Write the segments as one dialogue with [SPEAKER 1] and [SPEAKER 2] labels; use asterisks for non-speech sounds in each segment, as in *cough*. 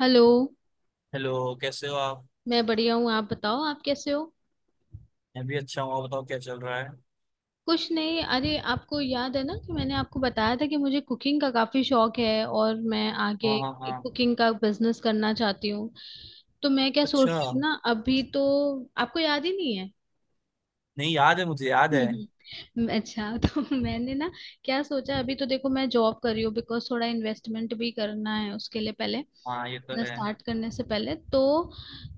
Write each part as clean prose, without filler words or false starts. [SPEAKER 1] Hello.
[SPEAKER 2] Hello, कैसे हो आप?
[SPEAKER 1] मैं बढ़िया हूँ, आप बताओ आप कैसे हो?
[SPEAKER 2] मैं भी अच्छा हूँ। आप बताओ क्या चल रहा है?
[SPEAKER 1] कुछ नहीं, अरे आपको याद है ना कि मैंने आपको बताया था कि मुझे कुकिंग का काफी शौक है और मैं
[SPEAKER 2] हाँ
[SPEAKER 1] आगे
[SPEAKER 2] हाँ हाँ।
[SPEAKER 1] कुकिंग का बिजनेस करना चाहती हूँ। तो मैं क्या सोच
[SPEAKER 2] अच्छा।
[SPEAKER 1] रही हूँ ना, अभी तो आपको याद ही नहीं है।
[SPEAKER 2] नहीं, याद है, मुझे
[SPEAKER 1] *laughs*
[SPEAKER 2] याद है।
[SPEAKER 1] अच्छा तो *laughs* मैंने ना क्या सोचा, अभी तो देखो मैं जॉब कर रही हूँ बिकॉज थोड़ा इन्वेस्टमेंट भी करना है, उसके लिए पहले
[SPEAKER 2] हाँ, ये तो
[SPEAKER 1] अपना
[SPEAKER 2] है।
[SPEAKER 1] स्टार्ट करने से पहले तो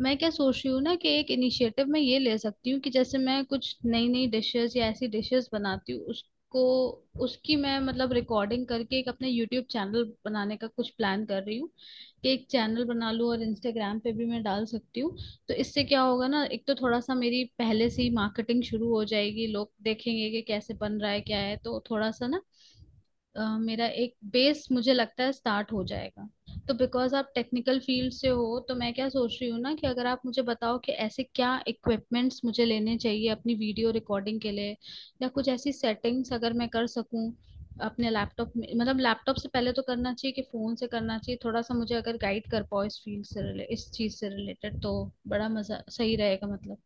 [SPEAKER 1] मैं क्या सोच रही हूँ ना कि एक इनिशिएटिव मैं ये ले सकती हूँ कि जैसे मैं कुछ नई नई डिशेस या ऐसी डिशेस बनाती हूँ उसको, उसकी मैं मतलब रिकॉर्डिंग करके एक अपने यूट्यूब चैनल बनाने का कुछ प्लान कर रही हूँ कि एक चैनल बना लूँ और इंस्टाग्राम पे भी मैं डाल सकती हूँ। तो इससे क्या होगा ना, एक तो थोड़ा सा मेरी पहले से ही मार्केटिंग शुरू हो जाएगी, लोग देखेंगे कि कैसे बन रहा है क्या है, तो थोड़ा सा ना, मेरा एक बेस मुझे लगता है स्टार्ट हो जाएगा। तो बिकॉज आप टेक्निकल फील्ड से हो तो मैं क्या सोच रही हूँ ना कि अगर आप मुझे बताओ कि ऐसे क्या इक्विपमेंट्स मुझे लेने चाहिए अपनी वीडियो रिकॉर्डिंग के लिए, या कुछ ऐसी सेटिंग्स अगर मैं कर सकूँ अपने लैपटॉप में, मतलब लैपटॉप से पहले तो करना चाहिए कि फोन से करना चाहिए, थोड़ा सा मुझे अगर गाइड कर पाओ इस फील्ड से रिले इस चीज से रिलेटेड तो बड़ा मजा सही रहेगा मतलब।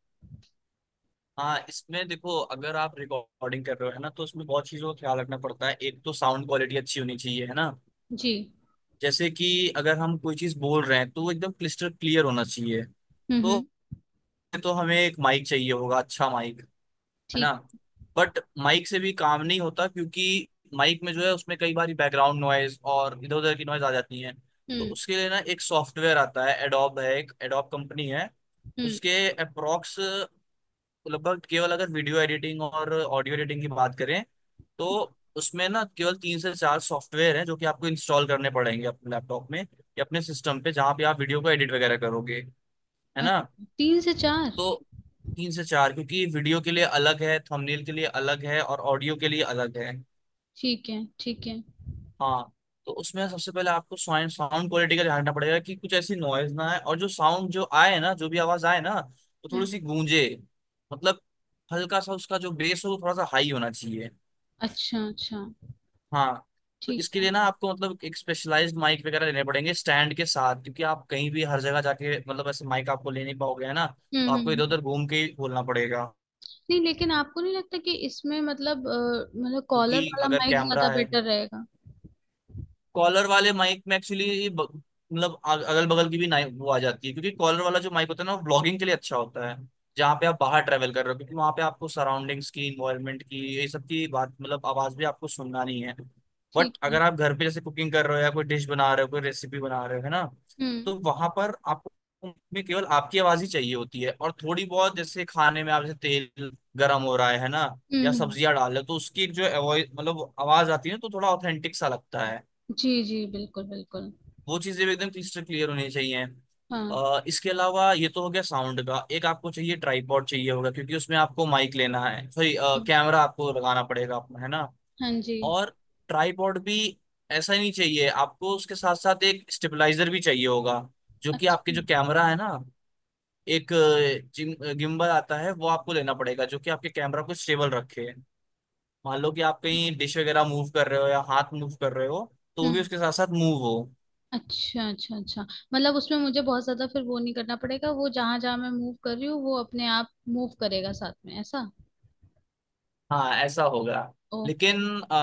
[SPEAKER 2] हाँ, इसमें देखो, अगर आप रिकॉर्डिंग कर रहे हो है ना, तो उसमें बहुत चीज़ों का ख्याल रखना पड़ता है। एक तो साउंड क्वालिटी अच्छी होनी चाहिए, है ना।
[SPEAKER 1] जी।
[SPEAKER 2] जैसे कि अगर हम कोई चीज़ बोल रहे हैं तो वो एकदम क्लिस्टर क्लियर होना चाहिए। तो
[SPEAKER 1] हम्म।
[SPEAKER 2] तो हमें एक माइक चाहिए होगा, अच्छा माइक, है
[SPEAKER 1] ठीक।
[SPEAKER 2] ना। बट माइक से भी काम नहीं होता, क्योंकि माइक में जो है उसमें कई बार बैकग्राउंड नॉइज और इधर उधर की नॉइज आ जाती है। तो
[SPEAKER 1] हम्म
[SPEAKER 2] उसके लिए ना एक सॉफ्टवेयर आता है, एडोब है, एक एडोब कंपनी है।
[SPEAKER 1] हम्म।
[SPEAKER 2] उसके अप्रोक्स, लगभग, केवल अगर वीडियो एडिटिंग और ऑडियो एडिटिंग की बात करें, तो उसमें ना केवल 3 से 4 सॉफ्टवेयर हैं जो कि आपको इंस्टॉल करने पड़ेंगे अपने लैपटॉप में या अपने सिस्टम पे जहाँ पे आप वीडियो को एडिट वगैरह करोगे, है ना।
[SPEAKER 1] अच्छा, तीन से चार।
[SPEAKER 2] तो 3 से 4, क्योंकि वीडियो के लिए अलग है, थंबनेल के लिए अलग है, और ऑडियो के लिए अलग है।
[SPEAKER 1] ठीक है, ठीक है।
[SPEAKER 2] हाँ। तो उसमें सबसे पहले आपको साउंड साउंड क्वालिटी का ध्यान रखना पड़ेगा कि कुछ ऐसी नॉइज ना आए, और जो साउंड जो आए ना, जो भी आवाज आए ना, वो थोड़ी
[SPEAKER 1] हुँ,
[SPEAKER 2] सी गूंजे। मतलब हल्का सा उसका जो बेस हो वो थोड़ा सा हाई होना चाहिए।
[SPEAKER 1] अच्छा, अच्छा,
[SPEAKER 2] हाँ। तो
[SPEAKER 1] ठीक
[SPEAKER 2] इसके
[SPEAKER 1] है।
[SPEAKER 2] लिए ना आपको मतलब एक स्पेशलाइज्ड माइक वगैरह लेने पड़ेंगे स्टैंड के साथ, क्योंकि आप कहीं भी हर जगह जाके मतलब ऐसे माइक आपको ले नहीं पाओगे, है ना।
[SPEAKER 1] हुँ,
[SPEAKER 2] तो
[SPEAKER 1] हुँ,
[SPEAKER 2] आपको इधर
[SPEAKER 1] हुँ।
[SPEAKER 2] उधर घूम के ही बोलना पड़ेगा,
[SPEAKER 1] नहीं, लेकिन आपको नहीं लगता कि इसमें मतलब मतलब कॉलर
[SPEAKER 2] क्योंकि
[SPEAKER 1] वाला
[SPEAKER 2] अगर
[SPEAKER 1] माइक ज़्यादा
[SPEAKER 2] कैमरा है।
[SPEAKER 1] बेटर रहेगा?
[SPEAKER 2] कॉलर वाले माइक में एक्चुअली मतलब अगल बगल की भी नाइक वो आ जाती है, क्योंकि कॉलर वाला जो माइक होता है ना, वो व्लॉगिंग के लिए अच्छा होता है, जहाँ पे आप बाहर ट्रेवल कर रहे हो, क्योंकि वहाँ पे आपको सराउंडिंग्स की, इन्वायरमेंट की, ये सब की बात, मतलब आवाज भी आपको सुनना नहीं है।
[SPEAKER 1] ठीक
[SPEAKER 2] बट
[SPEAKER 1] है।
[SPEAKER 2] अगर आप घर पे जैसे कुकिंग कर रहे हो, या कोई डिश बना रहे हो, कोई रेसिपी बना रहे हो, है ना,
[SPEAKER 1] हुँ,
[SPEAKER 2] तो वहां पर आपको में केवल आपकी आवाज ही चाहिए होती है, और थोड़ी बहुत जैसे खाने में आप जैसे तेल गर्म हो रहा है ना,
[SPEAKER 1] हुँ,
[SPEAKER 2] या
[SPEAKER 1] हुँ।
[SPEAKER 2] सब्जियां डाल रहे हो, तो उसकी एक जो वॉइस, मतलब आवाज आती है ना, तो थोड़ा ऑथेंटिक सा लगता है।
[SPEAKER 1] जी, जी, बिल्कुल, बिल्कुल।
[SPEAKER 2] वो चीजें भी एकदम क्रिस्टल क्लियर होनी चाहिए।
[SPEAKER 1] हाँ,
[SPEAKER 2] इसके अलावा ये तो हो गया साउंड का। एक आपको चाहिए, ट्राइपॉड चाहिए होगा, क्योंकि उसमें आपको माइक लेना है, सॉरी,
[SPEAKER 1] हुँ,
[SPEAKER 2] कैमरा आपको लगाना पड़ेगा अपना, है ना।
[SPEAKER 1] हाँ जी।
[SPEAKER 2] और ट्राइपॉड भी ऐसा ही नहीं चाहिए आपको, उसके साथ साथ एक स्टेबलाइजर भी चाहिए होगा, जो कि आपके
[SPEAKER 1] अच्छा,
[SPEAKER 2] जो कैमरा है ना, एक गिम्बल आता है, वो आपको लेना पड़ेगा, जो कि आपके कैमरा को स्टेबल रखे। मान लो कि आप कहीं डिश वगैरह मूव कर रहे हो या हाथ मूव कर रहे हो, तो
[SPEAKER 1] हुँ,
[SPEAKER 2] भी उसके साथ साथ मूव हो।
[SPEAKER 1] अच्छा, अच्छा, अच्छा। मतलब उसमें मुझे बहुत ज़्यादा फिर वो नहीं करना पड़ेगा, वो जहाँ-जहाँ मैं मूव कर रही हूँ, वो अपने आप मूव करेगा साथ में, ऐसा?
[SPEAKER 2] हाँ ऐसा होगा।
[SPEAKER 1] ओके,
[SPEAKER 2] लेकिन आ,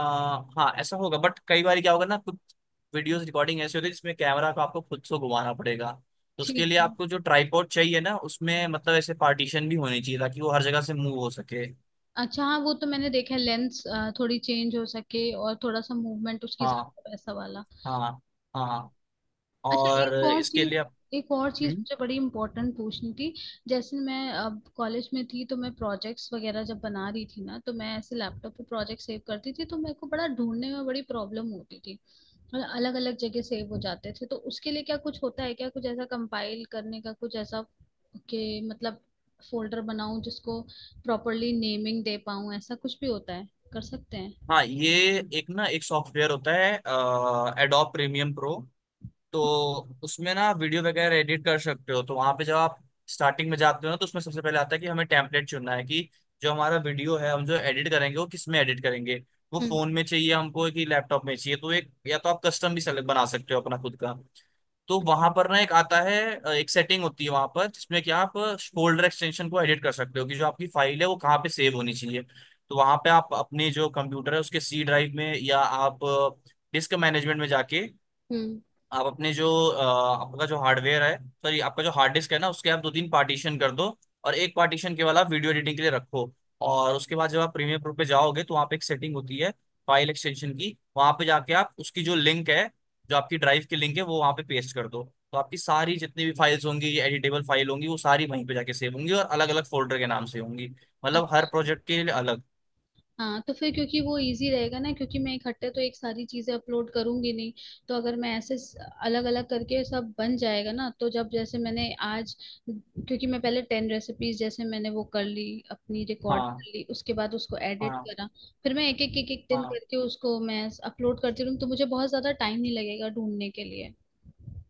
[SPEAKER 2] हाँ ऐसा होगा, बट कई बार क्या होगा ना, कुछ वीडियोस रिकॉर्डिंग ऐसी होती है जिसमें कैमरा को आपको खुद से घुमाना पड़ेगा। तो उसके
[SPEAKER 1] ठीक
[SPEAKER 2] लिए
[SPEAKER 1] है।
[SPEAKER 2] आपको जो ट्राइपॉड चाहिए ना, उसमें मतलब ऐसे पार्टीशन भी होनी चाहिए ताकि वो हर जगह से मूव हो सके।
[SPEAKER 1] अच्छा हाँ वो तो मैंने देखा है, लेंस थोड़ी चेंज हो सके और थोड़ा सा मूवमेंट उसकी
[SPEAKER 2] हाँ
[SPEAKER 1] ज्यादा वैसा वाला।
[SPEAKER 2] हाँ हाँ।
[SPEAKER 1] अच्छा
[SPEAKER 2] और
[SPEAKER 1] एक और
[SPEAKER 2] इसके लिए
[SPEAKER 1] चीज,
[SPEAKER 2] आप-
[SPEAKER 1] एक और चीज
[SPEAKER 2] हम्म।
[SPEAKER 1] मुझे बड़ी इम्पोर्टेंट पूछनी थी। जैसे मैं अब कॉलेज में थी तो मैं प्रोजेक्ट्स वगैरह जब बना रही थी ना तो मैं ऐसे लैपटॉप पे प्रोजेक्ट सेव करती थी तो मेरे को बड़ा ढूंढने में बड़ी प्रॉब्लम होती थी, अलग अलग जगह सेव हो जाते थे, तो उसके लिए क्या कुछ होता है क्या कुछ ऐसा कंपाइल करने का कुछ ऐसा कि मतलब फोल्डर बनाऊं जिसको प्रॉपरली नेमिंग दे पाऊं, ऐसा कुछ भी होता है, कर सकते हैं?
[SPEAKER 2] हाँ ये एक ना एक सॉफ्टवेयर होता है, एडोब प्रीमियम प्रो। तो उसमें ना वीडियो वगैरह एडिट कर सकते हो। तो वहां पे जब आप स्टार्टिंग में जाते हो ना, तो उसमें सबसे पहले आता है कि हमें टेम्पलेट चुनना है कि जो हमारा वीडियो है हम जो एडिट करेंगे वो किस में एडिट करेंगे, वो
[SPEAKER 1] हम्म
[SPEAKER 2] फोन में चाहिए हमको कि लैपटॉप में चाहिए। तो एक, या तो आप कस्टम भी सेलेक्ट बना सकते हो अपना खुद का। तो वहां पर ना एक आता है एक सेटिंग होती है वहां पर जिसमें कि आप फोल्डर एक्सटेंशन को एडिट कर सकते हो कि जो आपकी फाइल है वो कहाँ पे सेव होनी चाहिए। तो वहां पे आप अपने जो कंप्यूटर है उसके सी ड्राइव में, या आप डिस्क मैनेजमेंट में जाके
[SPEAKER 1] हम्म।
[SPEAKER 2] आप अपने जो आपका जो हार्डवेयर है, सॉरी, आपका जो हार्ड डिस्क है ना, उसके आप 2-3 पार्टीशन कर दो, और एक पार्टीशन केवल आप वीडियो एडिटिंग के लिए रखो। और उसके बाद जब आप प्रीमियर प्रो पे जाओगे, तो वहाँ पे एक सेटिंग होती है फाइल एक्सटेंशन की। वहाँ पे जाके आप उसकी जो लिंक है, जो आपकी ड्राइव की लिंक है, वो वहाँ पे पेस्ट कर दो। तो आपकी सारी जितनी भी फाइल्स होंगी, ये एडिटेबल फाइल होंगी, वो सारी वहीं पे जाके सेव होंगी और अलग अलग फोल्डर के नाम से होंगी। मतलब हर
[SPEAKER 1] अच्छा
[SPEAKER 2] प्रोजेक्ट के लिए अलग।
[SPEAKER 1] हाँ तो फिर, क्योंकि वो इजी रहेगा ना क्योंकि मैं इकट्ठे तो एक सारी चीजें अपलोड करूंगी नहीं, तो अगर मैं ऐसे अलग अलग करके सब बन जाएगा ना, तो जब जैसे मैंने आज, क्योंकि मैं पहले 10 रेसिपीज जैसे मैंने वो कर ली अपनी रिकॉर्ड
[SPEAKER 2] हाँ
[SPEAKER 1] कर ली उसके बाद उसको एडिट
[SPEAKER 2] हाँ।
[SPEAKER 1] करा, फिर मैं एक एक एक एक दिन
[SPEAKER 2] हाँ
[SPEAKER 1] करके उसको मैं अपलोड करती रहूँ तो मुझे बहुत ज्यादा टाइम नहीं लगेगा ढूंढने के लिए।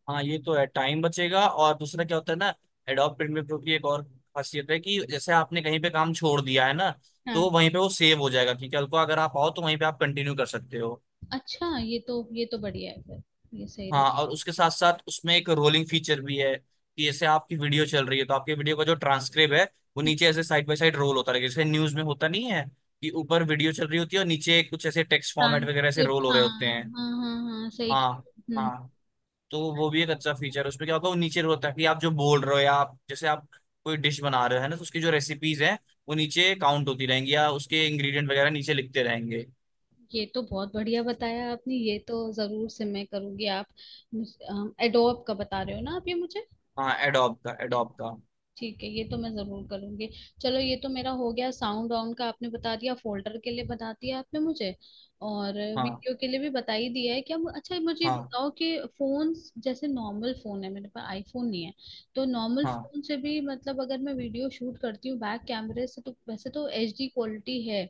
[SPEAKER 2] हाँ, ये तो है, टाइम बचेगा। और दूसरा क्या होता है ना, एडोब प्रीमियर प्रो की एक और खासियत है कि जैसे आपने कहीं पे काम छोड़ दिया है ना,
[SPEAKER 1] हाँ।
[SPEAKER 2] तो वहीं पे वो सेव हो जाएगा कि कल को अगर आप आओ तो वहीं पे आप कंटिन्यू कर सकते हो।
[SPEAKER 1] अच्छा ये तो बढ़िया है फिर, ये सही रहेगा।
[SPEAKER 2] हाँ, और उसके साथ साथ उसमें एक रोलिंग फीचर भी है कि जैसे आपकी वीडियो चल रही है, तो आपकी वीडियो का जो ट्रांसक्रिप्ट है, वो नीचे ऐसे साइड बाय साइड रोल होता रहेगा, जैसे न्यूज में होता नहीं है कि ऊपर वीडियो चल रही होती है और नीचे कुछ ऐसे टेक्स्ट फॉर्मेट वगैरह से
[SPEAKER 1] ट्रांसक्रिप्ट,
[SPEAKER 2] रोल हो रहे होते
[SPEAKER 1] हाँ
[SPEAKER 2] हैं।
[SPEAKER 1] हाँ हाँ हाँ सही।
[SPEAKER 2] हाँ।
[SPEAKER 1] हम्म।
[SPEAKER 2] हाँ। तो वो भी एक अच्छा फीचर है। उसमें क्या होगा, वो नीचे होता है कि आप जो बोल रहे हो, या आप जैसे आप कोई डिश बना रहे हो है ना, तो उसकी जो रेसिपीज हैं वो नीचे काउंट होती रहेंगी, या उसके इंग्रेडिएंट वगैरह नीचे लिखते रहेंगे।
[SPEAKER 1] ये तो बहुत बढ़िया बताया आपने, ये तो जरूर से मैं करूंगी। आप एडोब का बता रहे हो ना आप ये मुझे?
[SPEAKER 2] हाँ, एडोब का, एडोब का।
[SPEAKER 1] ठीक है, ये तो मैं जरूर करूंगी। चलो ये तो मेरा हो गया, साउंड ऑन का आपने बता दिया, फोल्डर के लिए बता दिया आपने मुझे, और
[SPEAKER 2] हाँ
[SPEAKER 1] वीडियो के लिए भी बता ही दिया है क्या? अच्छा मुझे ये
[SPEAKER 2] हाँ
[SPEAKER 1] बताओ कि फोन, जैसे नॉर्मल फोन है मेरे पास, आईफोन नहीं है, तो नॉर्मल
[SPEAKER 2] हाँ।
[SPEAKER 1] फोन से भी मतलब अगर मैं वीडियो शूट करती हूँ बैक कैमरे से तो वैसे तो एचडी क्वालिटी है,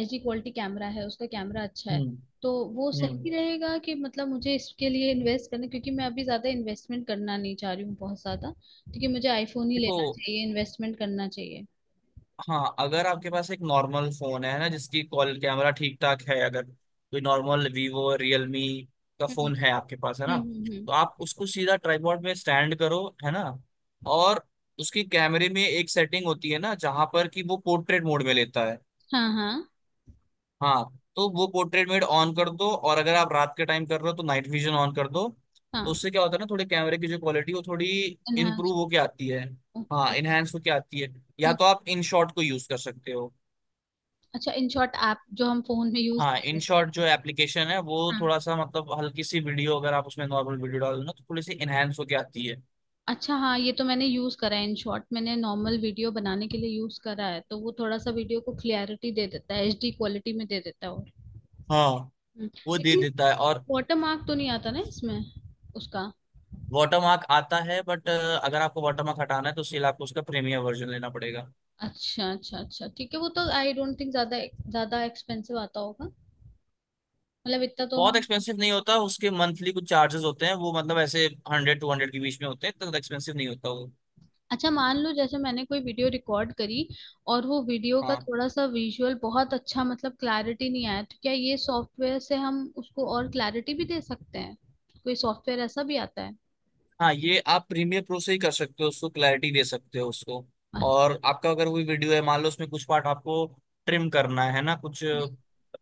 [SPEAKER 1] एचडी क्वालिटी कैमरा है उसका, कैमरा अच्छा है।
[SPEAKER 2] हम्म
[SPEAKER 1] तो वो
[SPEAKER 2] हम्म।
[SPEAKER 1] सही रहेगा कि मतलब मुझे इसके लिए इन्वेस्ट करना, क्योंकि मैं अभी ज्यादा इन्वेस्टमेंट करना नहीं चाह रही हूँ बहुत ज्यादा, क्योंकि मुझे आईफोन ही
[SPEAKER 2] देखो,
[SPEAKER 1] लेना चाहिए, इन्वेस्टमेंट करना चाहिए।
[SPEAKER 2] हाँ, अगर आपके पास एक नॉर्मल फोन है ना जिसकी कॉल कैमरा ठीक ठाक है, अगर कोई नॉर्मल वीवो रियलमी का
[SPEAKER 1] हम्म
[SPEAKER 2] फोन है आपके पास, है ना,
[SPEAKER 1] हम्म हम्म हम्म।
[SPEAKER 2] तो आप उसको सीधा ट्राइपॉड में स्टैंड करो, है ना। और उसकी कैमरे में एक सेटिंग होती है ना जहां पर कि वो पोर्ट्रेट मोड में लेता है।
[SPEAKER 1] हाँ हाँ
[SPEAKER 2] हाँ, तो वो पोर्ट्रेट मोड ऑन कर दो, और अगर आप रात के टाइम कर रहे हो तो नाइट विजन ऑन कर दो। तो
[SPEAKER 1] हाँ।
[SPEAKER 2] उससे क्या होता है ना, थोड़ी कैमरे की जो क्वालिटी वो थोड़ी
[SPEAKER 1] इनहाउस।
[SPEAKER 2] इम्प्रूव होके आती है।
[SPEAKER 1] ओके।
[SPEAKER 2] हाँ, इनहेंस होके आती है। या
[SPEAKER 1] हम्म।
[SPEAKER 2] तो आप इन शॉट को यूज कर सकते हो।
[SPEAKER 1] अच्छा इन शॉर्ट ऐप जो हम फोन में यूज
[SPEAKER 2] हाँ,
[SPEAKER 1] कर
[SPEAKER 2] इन
[SPEAKER 1] लेते हैं।
[SPEAKER 2] शॉर्ट जो एप्लीकेशन है, वो
[SPEAKER 1] हाँ,
[SPEAKER 2] थोड़ा सा मतलब हल्की सी वीडियो अगर आप उसमें नॉर्मल वीडियो डालो ना, तो थोड़ी सी इनहेंस होके आती है।
[SPEAKER 1] अच्छा हाँ ये तो मैंने यूज करा है, इन शॉर्ट मैंने नॉर्मल वीडियो बनाने के लिए यूज करा है, तो वो थोड़ा सा वीडियो को क्लियरिटी दे देता है, एचडी क्वालिटी में दे देता है और
[SPEAKER 2] हाँ,
[SPEAKER 1] हम्म,
[SPEAKER 2] वो दे
[SPEAKER 1] लेकिन
[SPEAKER 2] देता है, और
[SPEAKER 1] वाटर मार्क तो नहीं आता ना इसमें, उसका?
[SPEAKER 2] वाटरमार्क आता है, बट अगर आपको वाटरमार्क हटाना है तो सिर्फ आपको उसका प्रीमियम वर्जन लेना पड़ेगा।
[SPEAKER 1] अच्छा अच्छा अच्छा ठीक है, वो तो आई डोंट थिंक ज्यादा ज्यादा एक्सपेंसिव आता होगा, मतलब इतना तो
[SPEAKER 2] बहुत
[SPEAKER 1] हम।
[SPEAKER 2] एक्सपेंसिव नहीं होता, उसके मंथली कुछ चार्जेस होते हैं, वो मतलब ऐसे 100-200 के बीच में होते हैं, तो एक्सपेंसिव नहीं होता वो।
[SPEAKER 1] अच्छा मान लो जैसे मैंने कोई वीडियो रिकॉर्ड करी और वो वीडियो का
[SPEAKER 2] हाँ।
[SPEAKER 1] थोड़ा सा विजुअल बहुत अच्छा, मतलब क्लैरिटी नहीं आया, तो क्या ये सॉफ्टवेयर से हम उसको और क्लैरिटी भी दे सकते हैं, कोई सॉफ्टवेयर ऐसा भी आता है?
[SPEAKER 2] हाँ ये आप प्रीमियर प्रो से ही कर सकते हो, उसको क्लैरिटी दे सकते हो, उसको।
[SPEAKER 1] अच्छा।
[SPEAKER 2] और आपका अगर कोई वीडियो है, मान लो उसमें कुछ पार्ट आपको ट्रिम करना है ना, कुछ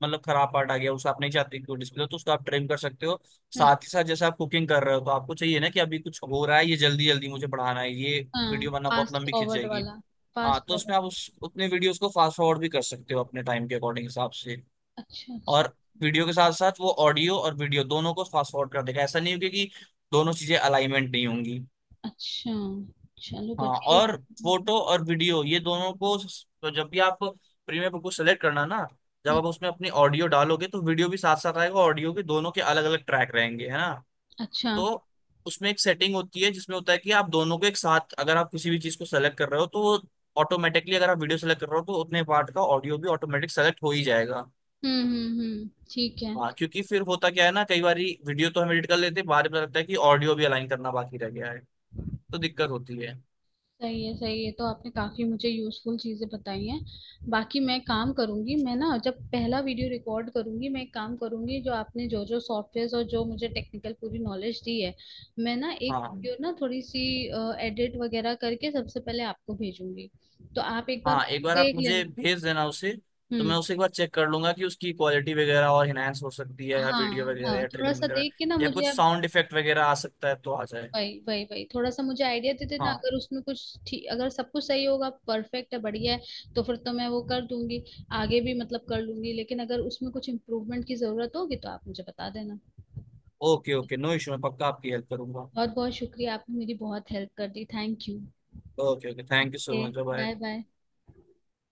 [SPEAKER 2] मतलब खराब पार्ट आ गया, उसे आप नहीं चाहते कि वो डिस्प्ले, तो उसको आप ट्रिम कर सकते हो।
[SPEAKER 1] हम्म।
[SPEAKER 2] साथ ही साथ जैसे आप कुकिंग कर रहे हो, तो आपको चाहिए ना कि अभी कुछ हो रहा है, ये जल्दी जल्दी मुझे बढ़ाना है ये
[SPEAKER 1] हाँ,
[SPEAKER 2] वीडियो, वरना बहुत
[SPEAKER 1] फास्ट
[SPEAKER 2] लंबी खिंच
[SPEAKER 1] फॉरवर्ड
[SPEAKER 2] जाएगी।
[SPEAKER 1] वाला।
[SPEAKER 2] हाँ,
[SPEAKER 1] फास्ट
[SPEAKER 2] तो
[SPEAKER 1] फॉरवर्ड।
[SPEAKER 2] उसमें आप उस उतने वीडियोस को फास्ट फॉरवर्ड भी कर सकते हो अपने टाइम के अकॉर्डिंग हिसाब से।
[SPEAKER 1] अच्छा अच्छा
[SPEAKER 2] और वीडियो के साथ साथ वो ऑडियो और वीडियो दोनों को फास्ट फॉरवर्ड कर देगा, ऐसा नहीं होगा कि दोनों चीजें अलाइनमेंट नहीं होंगी।
[SPEAKER 1] अच्छा, चलो
[SPEAKER 2] हाँ,
[SPEAKER 1] बढ़िया ही-
[SPEAKER 2] और
[SPEAKER 1] हम्म,
[SPEAKER 2] फोटो और वीडियो ये दोनों को स- तो जब भी आप प्रीमियम को सेलेक्ट करना ना, जब आप उसमें अपनी ऑडियो डालोगे तो वीडियो भी साथ साथ आएगा, ऑडियो के, दोनों के अलग अलग ट्रैक रहेंगे, है ना।
[SPEAKER 1] अच्छा।
[SPEAKER 2] तो उसमें एक सेटिंग होती है जिसमें होता है कि आप दोनों को एक साथ, अगर आप किसी भी चीज को सेलेक्ट कर रहे हो, तो ऑटोमेटिकली अगर आप वीडियो सेलेक्ट कर रहे हो तो उतने पार्ट का ऑडियो भी ऑटोमेटिक सेलेक्ट हो ही जाएगा।
[SPEAKER 1] हम्म, ठीक है।
[SPEAKER 2] हाँ, क्योंकि फिर होता क्या है ना, कई बार वीडियो तो हम एडिट कर लेते हैं, बाद में पता लगता है कि ऑडियो भी अलाइन करना बाकी रह गया है, तो दिक्कत होती है।
[SPEAKER 1] सही है सही है, तो आपने काफी मुझे यूजफुल चीजें बताई हैं। बाकी मैं काम करूंगी, मैं ना जब पहला वीडियो रिकॉर्ड करूंगी मैं एक काम करूंगी, जो आपने जो जो सॉफ्टवेयर और जो मुझे टेक्निकल पूरी नॉलेज दी है, मैं ना एक
[SPEAKER 2] हाँ
[SPEAKER 1] जो ना थोड़ी सी एडिट वगैरह करके सबसे पहले आपको भेजूंगी, तो आप एक बार
[SPEAKER 2] हाँ, एक बार आप
[SPEAKER 1] देख
[SPEAKER 2] मुझे
[SPEAKER 1] लेना।
[SPEAKER 2] भेज देना उसे, तो मैं
[SPEAKER 1] हम्म।
[SPEAKER 2] उसे एक बार चेक कर लूंगा कि उसकी क्वालिटी वगैरह और इनहेंस हो सकती है, या वीडियो
[SPEAKER 1] हाँ
[SPEAKER 2] वगैरह,
[SPEAKER 1] हाँ,
[SPEAKER 2] या
[SPEAKER 1] थोड़ा
[SPEAKER 2] ट्रिमिंग
[SPEAKER 1] सा
[SPEAKER 2] वगैरह,
[SPEAKER 1] देख के ना
[SPEAKER 2] या
[SPEAKER 1] मुझे
[SPEAKER 2] कुछ
[SPEAKER 1] आप,
[SPEAKER 2] साउंड इफेक्ट वगैरह आ सकता है तो आ जाए।
[SPEAKER 1] वही वही वही थोड़ा सा मुझे आइडिया दे देना,
[SPEAKER 2] हाँ।
[SPEAKER 1] अगर उसमें कुछ ठीक अगर सब कुछ सही होगा परफेक्ट है बढ़िया है तो फिर तो मैं वो कर दूंगी, आगे भी मतलब कर लूंगी, लेकिन अगर उसमें कुछ इम्प्रूवमेंट की जरूरत होगी तो आप मुझे बता देना।
[SPEAKER 2] ओके ओके, नो इशू, मैं पक्का आपकी हेल्प करूंगा।
[SPEAKER 1] बहुत बहुत शुक्रिया, आपने मेरी बहुत हेल्प कर दी, thank you.
[SPEAKER 2] Okay okay, thank you so
[SPEAKER 1] okay,
[SPEAKER 2] much, bye.
[SPEAKER 1] Bye bye.